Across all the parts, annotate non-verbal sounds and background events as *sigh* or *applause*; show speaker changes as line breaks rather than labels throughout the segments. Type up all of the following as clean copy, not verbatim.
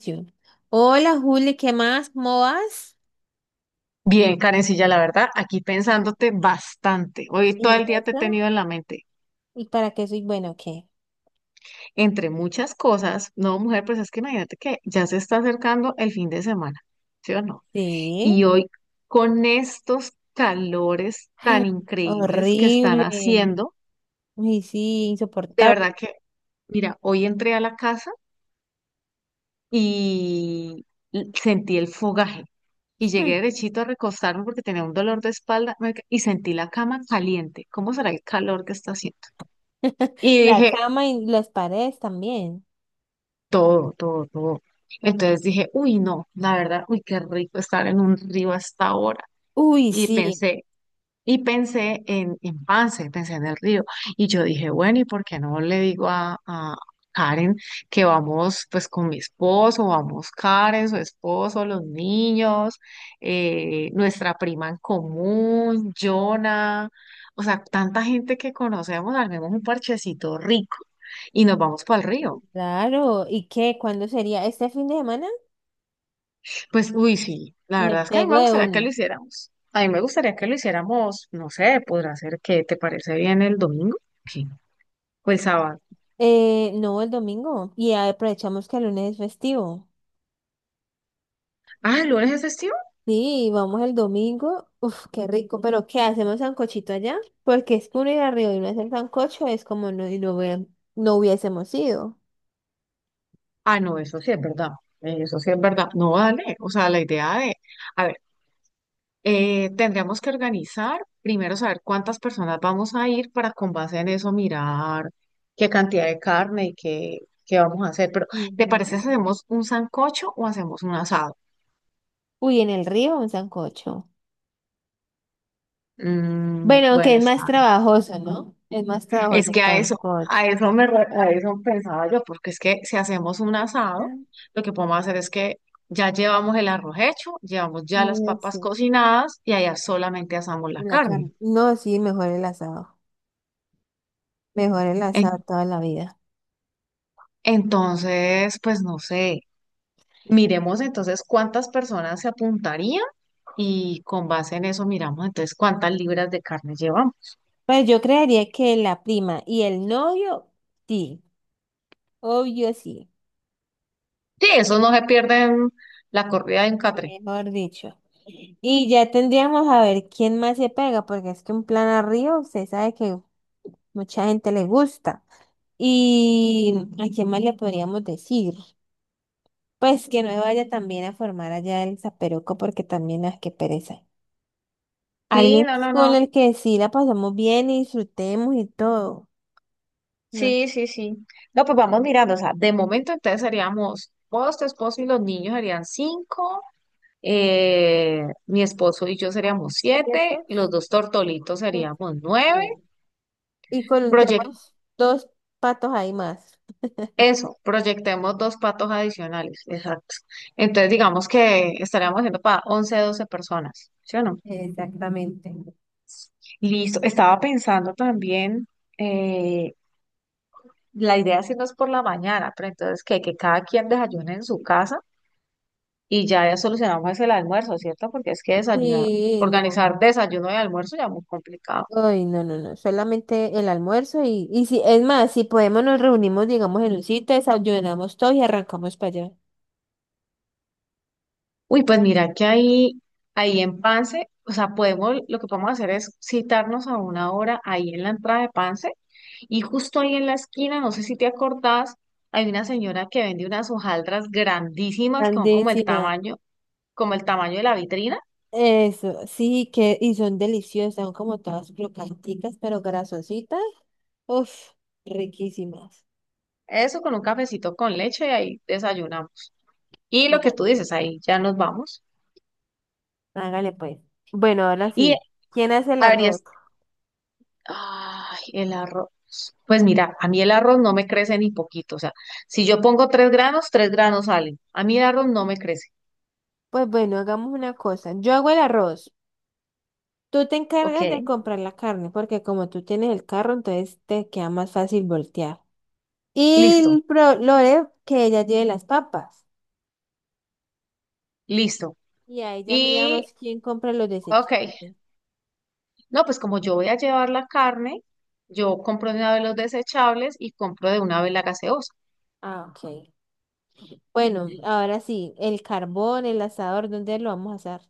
Yo. Hola Juli, ¿qué más? ¿Cómo vas?
Bien, Karencilla, la verdad, aquí pensándote bastante. Hoy todo
¿Y
el día te he
eso?
tenido en la mente.
¿Y para qué soy bueno o qué?
Entre muchas cosas, no, mujer, pues es que imagínate que ya se está acercando el fin de semana, ¿sí o no?
Sí,
Y hoy, con estos calores tan increíbles que están
horrible.
haciendo,
Uy, sí,
de verdad
insoportable.
que, mira, hoy entré a la casa y sentí el fogaje. Y llegué
*laughs*
derechito a recostarme porque tenía un dolor de espalda marica, y sentí la cama caliente. ¿Cómo será el calor que está haciendo? Y
La
dije,
cama y las paredes también.
todo, todo, todo. Entonces dije, uy, no, la verdad, uy, qué rico estar en un río hasta ahora.
Uy,
Y
sí,
pensé, y pensé en Pance, pensé en el río. Y yo dije, bueno, ¿y por qué no le digo a Karen que vamos pues con mi esposo, vamos Karen, su esposo, los niños, nuestra prima en común, Jonah, o sea, tanta gente que conocemos, armemos un parchecito rico y nos vamos para el río.
claro. ¿Y qué? ¿Cuándo sería? ¿Este fin de semana?
Pues, uy, sí, la
Me
verdad es que a mí
pego
me
de
gustaría que
uno.
lo hiciéramos. A mí me gustaría que lo hiciéramos, no sé, podrá ser que te parece bien el domingo. Sí. O el sábado.
No, el domingo. Y aprovechamos que el lunes es festivo.
Ah, ¿el lunes es festivo?
Sí, vamos el domingo. Uf, qué rico. Pero ¿qué hacemos sancochito allá? Porque es que uno ir arriba y no hacer sancocho es como no, y no, no hubiésemos ido.
Ah, no, eso sí es verdad. Eso sí es verdad. No, dale. O sea, la idea de, a ver, tendríamos que organizar, primero saber cuántas personas vamos a ir para con base en eso mirar qué cantidad de carne y qué, qué vamos a hacer. Pero, ¿te parece
Ujú.
si hacemos un sancocho o hacemos un asado?
Uy, en el río un sancocho.
Mm,
Bueno, aunque
bueno,
es
está.
más trabajoso, ¿no? Es más
Es
trabajoso el
que a eso,
sancocho.
a eso pensaba yo, porque es que si hacemos un asado,
Tan-
lo que podemos hacer es que ya llevamos el arroz hecho, llevamos ya las papas
Sí,
cocinadas y allá solamente asamos la
la
carne.
carne. No, sí, mejor el asado. Mejor el asado
En-
toda la vida.
entonces, pues no sé, miremos entonces cuántas personas se apuntarían y con base en eso miramos entonces cuántas libras de carne llevamos.
Pues yo creería que la prima y el novio, sí. Obvio, sí.
Sí, eso no se pierde en la corrida de un catre.
Mejor dicho. Y ya tendríamos a ver quién más se pega, porque es que un plan a Río se sabe que mucha gente le gusta. ¿Y a quién más le podríamos decir? Pues que no vaya también a formar allá el zaperoco, porque también las que pereza.
Sí,
Alguien
no, no,
con
no.
el que sí la pasamos bien y disfrutemos y todo. ¿No?
Sí, sí, sí. No, pues vamos mirando, o sea, de momento entonces seríamos vos, tu esposo y los niños serían cinco, mi esposo y yo seríamos
¿Cierto?
siete, y los dos tortolitos seríamos nueve.
Y con
Proyec-
tenemos dos patos ahí más.
eso, proyectemos dos patos adicionales, exacto. Entonces digamos que estaríamos haciendo para 11, 12 personas, ¿sí o no?
Exactamente.
Listo, estaba pensando también, eh, la idea es irnos por la mañana, pero entonces que cada quien desayune en su casa. Y ya, ya solucionamos ese el almuerzo, ¿cierto? Porque es que desayunar,
Sí, no.
organizar desayuno y almuerzo ya muy complicado.
Ay, no, no, no, solamente el almuerzo y si, es más, si podemos nos reunimos, digamos, en un sitio, desayunamos todos y arrancamos para allá.
Uy, pues mira que ahí, ahí en Pance, o sea, podemos, lo que podemos hacer es citarnos a una hora ahí en la entrada de Pance y justo ahí en la esquina, no sé si te acordás, hay una señora que vende unas hojaldras grandísimas que son
Grandísima.
como el tamaño de la vitrina.
Eso, sí, que, y son deliciosas, son como todas crocanticas, pero grasositas. Uf, riquísimas.
Eso con un cafecito con leche y ahí desayunamos. Y lo que
Dale.
tú dices, ahí ya nos vamos.
Hágale pues. Bueno, ahora
Y
sí. ¿Quién hace el
habría,
arroz?
ay, el arroz. Pues mira, a mí el arroz no me crece ni poquito. O sea, si yo pongo tres granos salen. A mí el arroz no me crece.
Pues bueno, hagamos una cosa. Yo hago el arroz. Tú te
Ok,
encargas de comprar la carne, porque como tú tienes el carro, entonces te queda más fácil voltear. Y
listo,
el Lore, que ella lleve las papas.
listo.
Y ahí ya
Y,
miramos quién compra los
ok,
desechables.
no, pues como yo voy a llevar la carne, yo compro de una vez los desechables y compro de una vez la gaseosa.
Ah, ok. Bueno, ahora sí, el carbón, el asador, ¿dónde lo vamos a asar?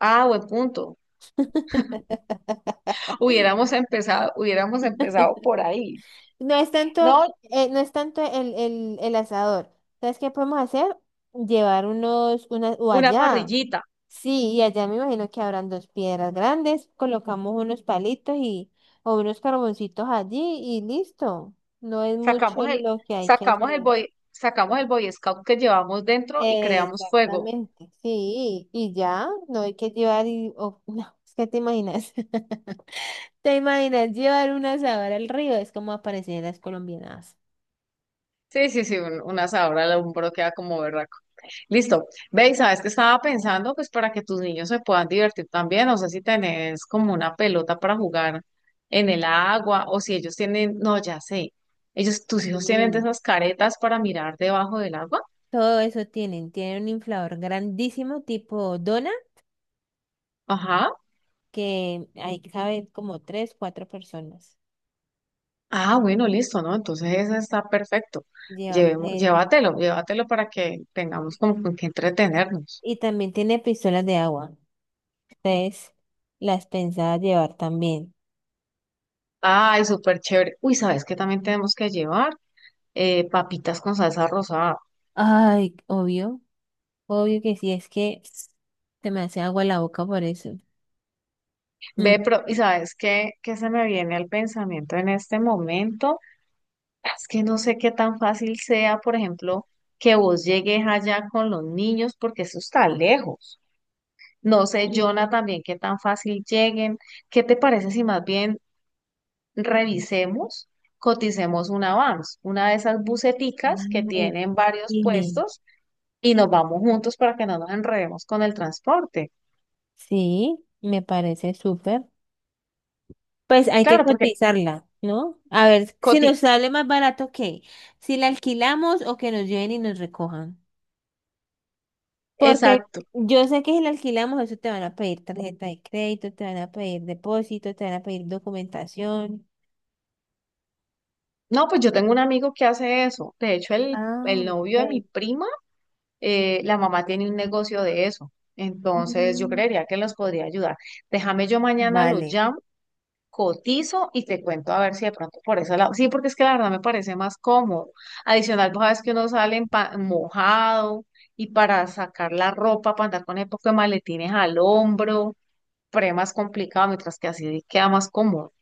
Ah, buen punto.
*laughs*
Hubiéramos empezado por ahí.
No es tanto,
No,
no es tanto el asador. ¿Sabes qué podemos hacer? Llevar unos, unas, o
una
allá.
parrillita.
Sí, y allá me imagino que habrán dos piedras grandes, colocamos unos palitos y o unos carboncitos allí y listo. No es mucho
Sacamos el,
lo que hay que hacer.
sacamos el Boy Scout que llevamos dentro y creamos fuego.
Exactamente, sí, y ya, no hay que llevar y, o- *laughs* no, es que te imaginas, *laughs* te imaginas llevar un asador al río, es como aparecen en las colombianas.
Sí, sí, sí, una sabra un hombro queda como berraco. Listo. Ve, y sabes que estaba pensando, pues para que tus niños se puedan divertir también, no sé si tenés como una pelota para jugar en el agua o si ellos tienen, no, ya sé, ellos, tus hijos tienen de
Sí.
esas caretas para mirar debajo del agua.
Todo eso tienen, tienen un inflador grandísimo tipo dona
Ajá.
que ahí caben como tres, cuatro personas.
Ah, bueno, listo, ¿no? Entonces ese está perfecto.
Llevamos
Llevemos,
eso.
llévatelo, llévatelo para que tengamos como con qué entretenernos.
Y también tiene pistolas de agua. Entonces, las pensaba llevar también.
Ay, súper chévere. Uy, ¿sabes qué también tenemos que llevar? Papitas con salsa rosada.
Ay, obvio. Obvio que sí, es que se me hace agua la boca por eso. Mm.
Ve, pero, ¿y sabes qué, qué se me viene al pensamiento en este momento? Es que no sé qué tan fácil sea, por ejemplo, que vos llegues allá con los niños, porque eso está lejos. No sé,
Sí.
Jonah, también qué tan fácil lleguen. ¿Qué te parece si más bien revisemos, coticemos una vans, una de esas buseticas que
Ay,
tienen varios
sí,
puestos y nos vamos juntos para que no nos enredemos con el transporte?
sí, me parece súper. Pues hay que
Claro, porque,
cotizarla, ¿no? A ver si
Coti,
nos sale más barato que si la alquilamos o que nos lleven y nos recojan. Porque
exacto.
yo sé que si la alquilamos, eso te van a pedir tarjeta de crédito, te van a pedir depósito, te van a pedir documentación.
No, pues yo tengo un amigo que hace eso. De hecho,
Ah,
el novio de mi
ok.
prima, la mamá tiene un negocio de eso. Entonces, yo
Mm,
creería que los podría ayudar. Déjame yo mañana lo
vale,
llamo, cotizo y te cuento a ver si de pronto por eso lado. Sí, porque es que la verdad me parece más cómodo. Adicional, vos sabes que uno sale mojado y para sacar la ropa, para andar con el poco de maletines al hombro, pre más complicado, mientras que así queda más cómodo.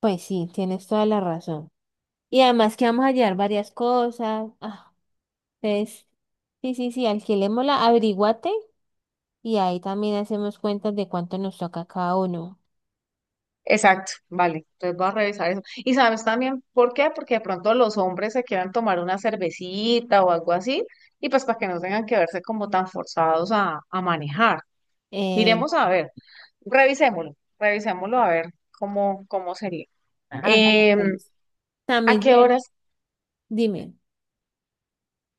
pues sí, tienes toda la razón. Y además que vamos a llevar varias cosas. Ah, entonces, sí, sí, sí, alquilémosla, averiguate y ahí también hacemos cuentas de cuánto nos toca cada uno.
Exacto, vale. Entonces voy a revisar eso. Y sabes también por qué, porque de pronto los hombres se quieran tomar una cervecita o algo así, y pues para que no tengan que verse como tan forzados a manejar.
Eh,
Miremos a ver, revisémoslo, revisémoslo a ver cómo, cómo sería.
Ah, hágalo,
Em,
pues.
¿A
También
qué
lleva-
horas
Dime,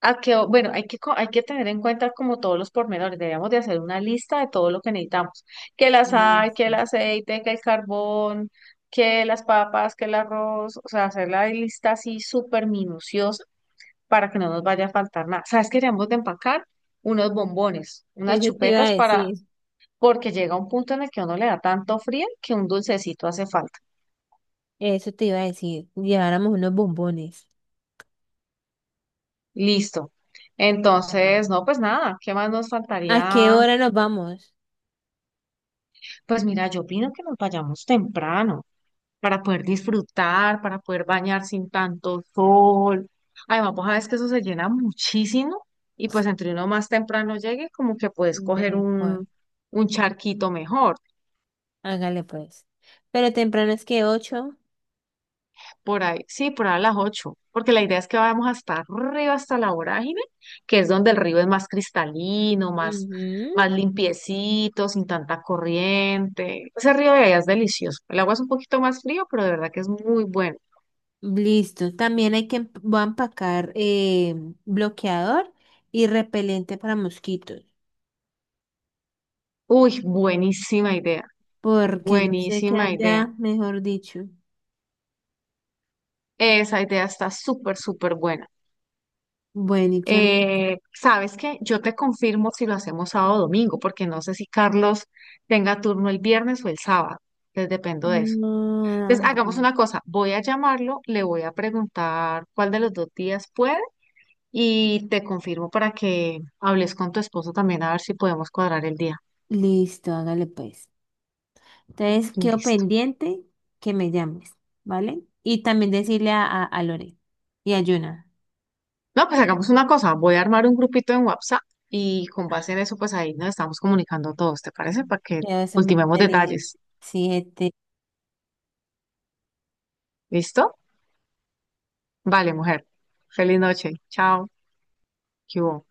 a que, bueno, hay que, hay que tener en cuenta como todos los pormenores, debemos de hacer una lista de todo lo que necesitamos, que la
mm,
sal, que el
sí.
aceite, que el carbón, que las papas, que el arroz, o sea, hacer la lista así súper minuciosa para que no nos vaya a faltar nada. ¿Sabes que debemos de empacar unos bombones, unas
Eso te iba
chupetas
a
para,
decir,
porque llega un punto en el que uno le da tanto frío que un dulcecito hace falta?
eso te iba a decir, lleváramos unos bombones.
Listo.
Ve,
Entonces, no, pues nada, ¿qué más nos
¿a qué
faltaría?
hora nos vamos?
Pues mira, yo opino que nos vayamos temprano para poder disfrutar, para poder bañar sin tanto sol. Además, vos sabes que eso se llena muchísimo y pues entre uno más temprano llegue, como que puedes coger
Ve.
un charquito mejor.
Hágale pues. Pero temprano es que 8,
Por ahí, sí, por ahí a las 8, porque la idea es que vayamos hasta arriba, hasta la vorágine, que es donde el río es más cristalino, más, más
ujú.
limpiecito, sin tanta corriente. Ese río de allá es delicioso. El agua es un poquito más frío, pero de verdad que es muy bueno.
Listo. También hay que voy a empacar bloqueador y repelente para mosquitos.
Uy, buenísima idea,
Porque yo sé que
buenísima idea.
allá, mejor dicho.
Esa idea está súper, súper buena.
Bueno, ¿y qué más?
¿Sabes qué? Yo te confirmo si lo hacemos sábado o domingo, porque no sé si Carlos tenga turno el viernes o el sábado. Entonces dependo de eso.
Ah,
Entonces hagamos una cosa, voy a llamarlo, le voy a preguntar cuál de los dos días puede y te confirmo para que hables con tu esposo también a ver si podemos cuadrar el día.
listo, hágale pues. Entonces, quedo
Listo.
pendiente que me llames, ¿vale? Y también decirle a Lore y a Yuna.
No, pues hagamos una cosa, voy a armar un grupito en WhatsApp y con base en eso, pues ahí nos estamos comunicando todos, ¿te parece? Para que
Que eso es muy
ultimemos
inteligente.
detalles.
Sí, este,
¿Listo? Vale, mujer. Feliz noche. Chao. ¿Qué hubo?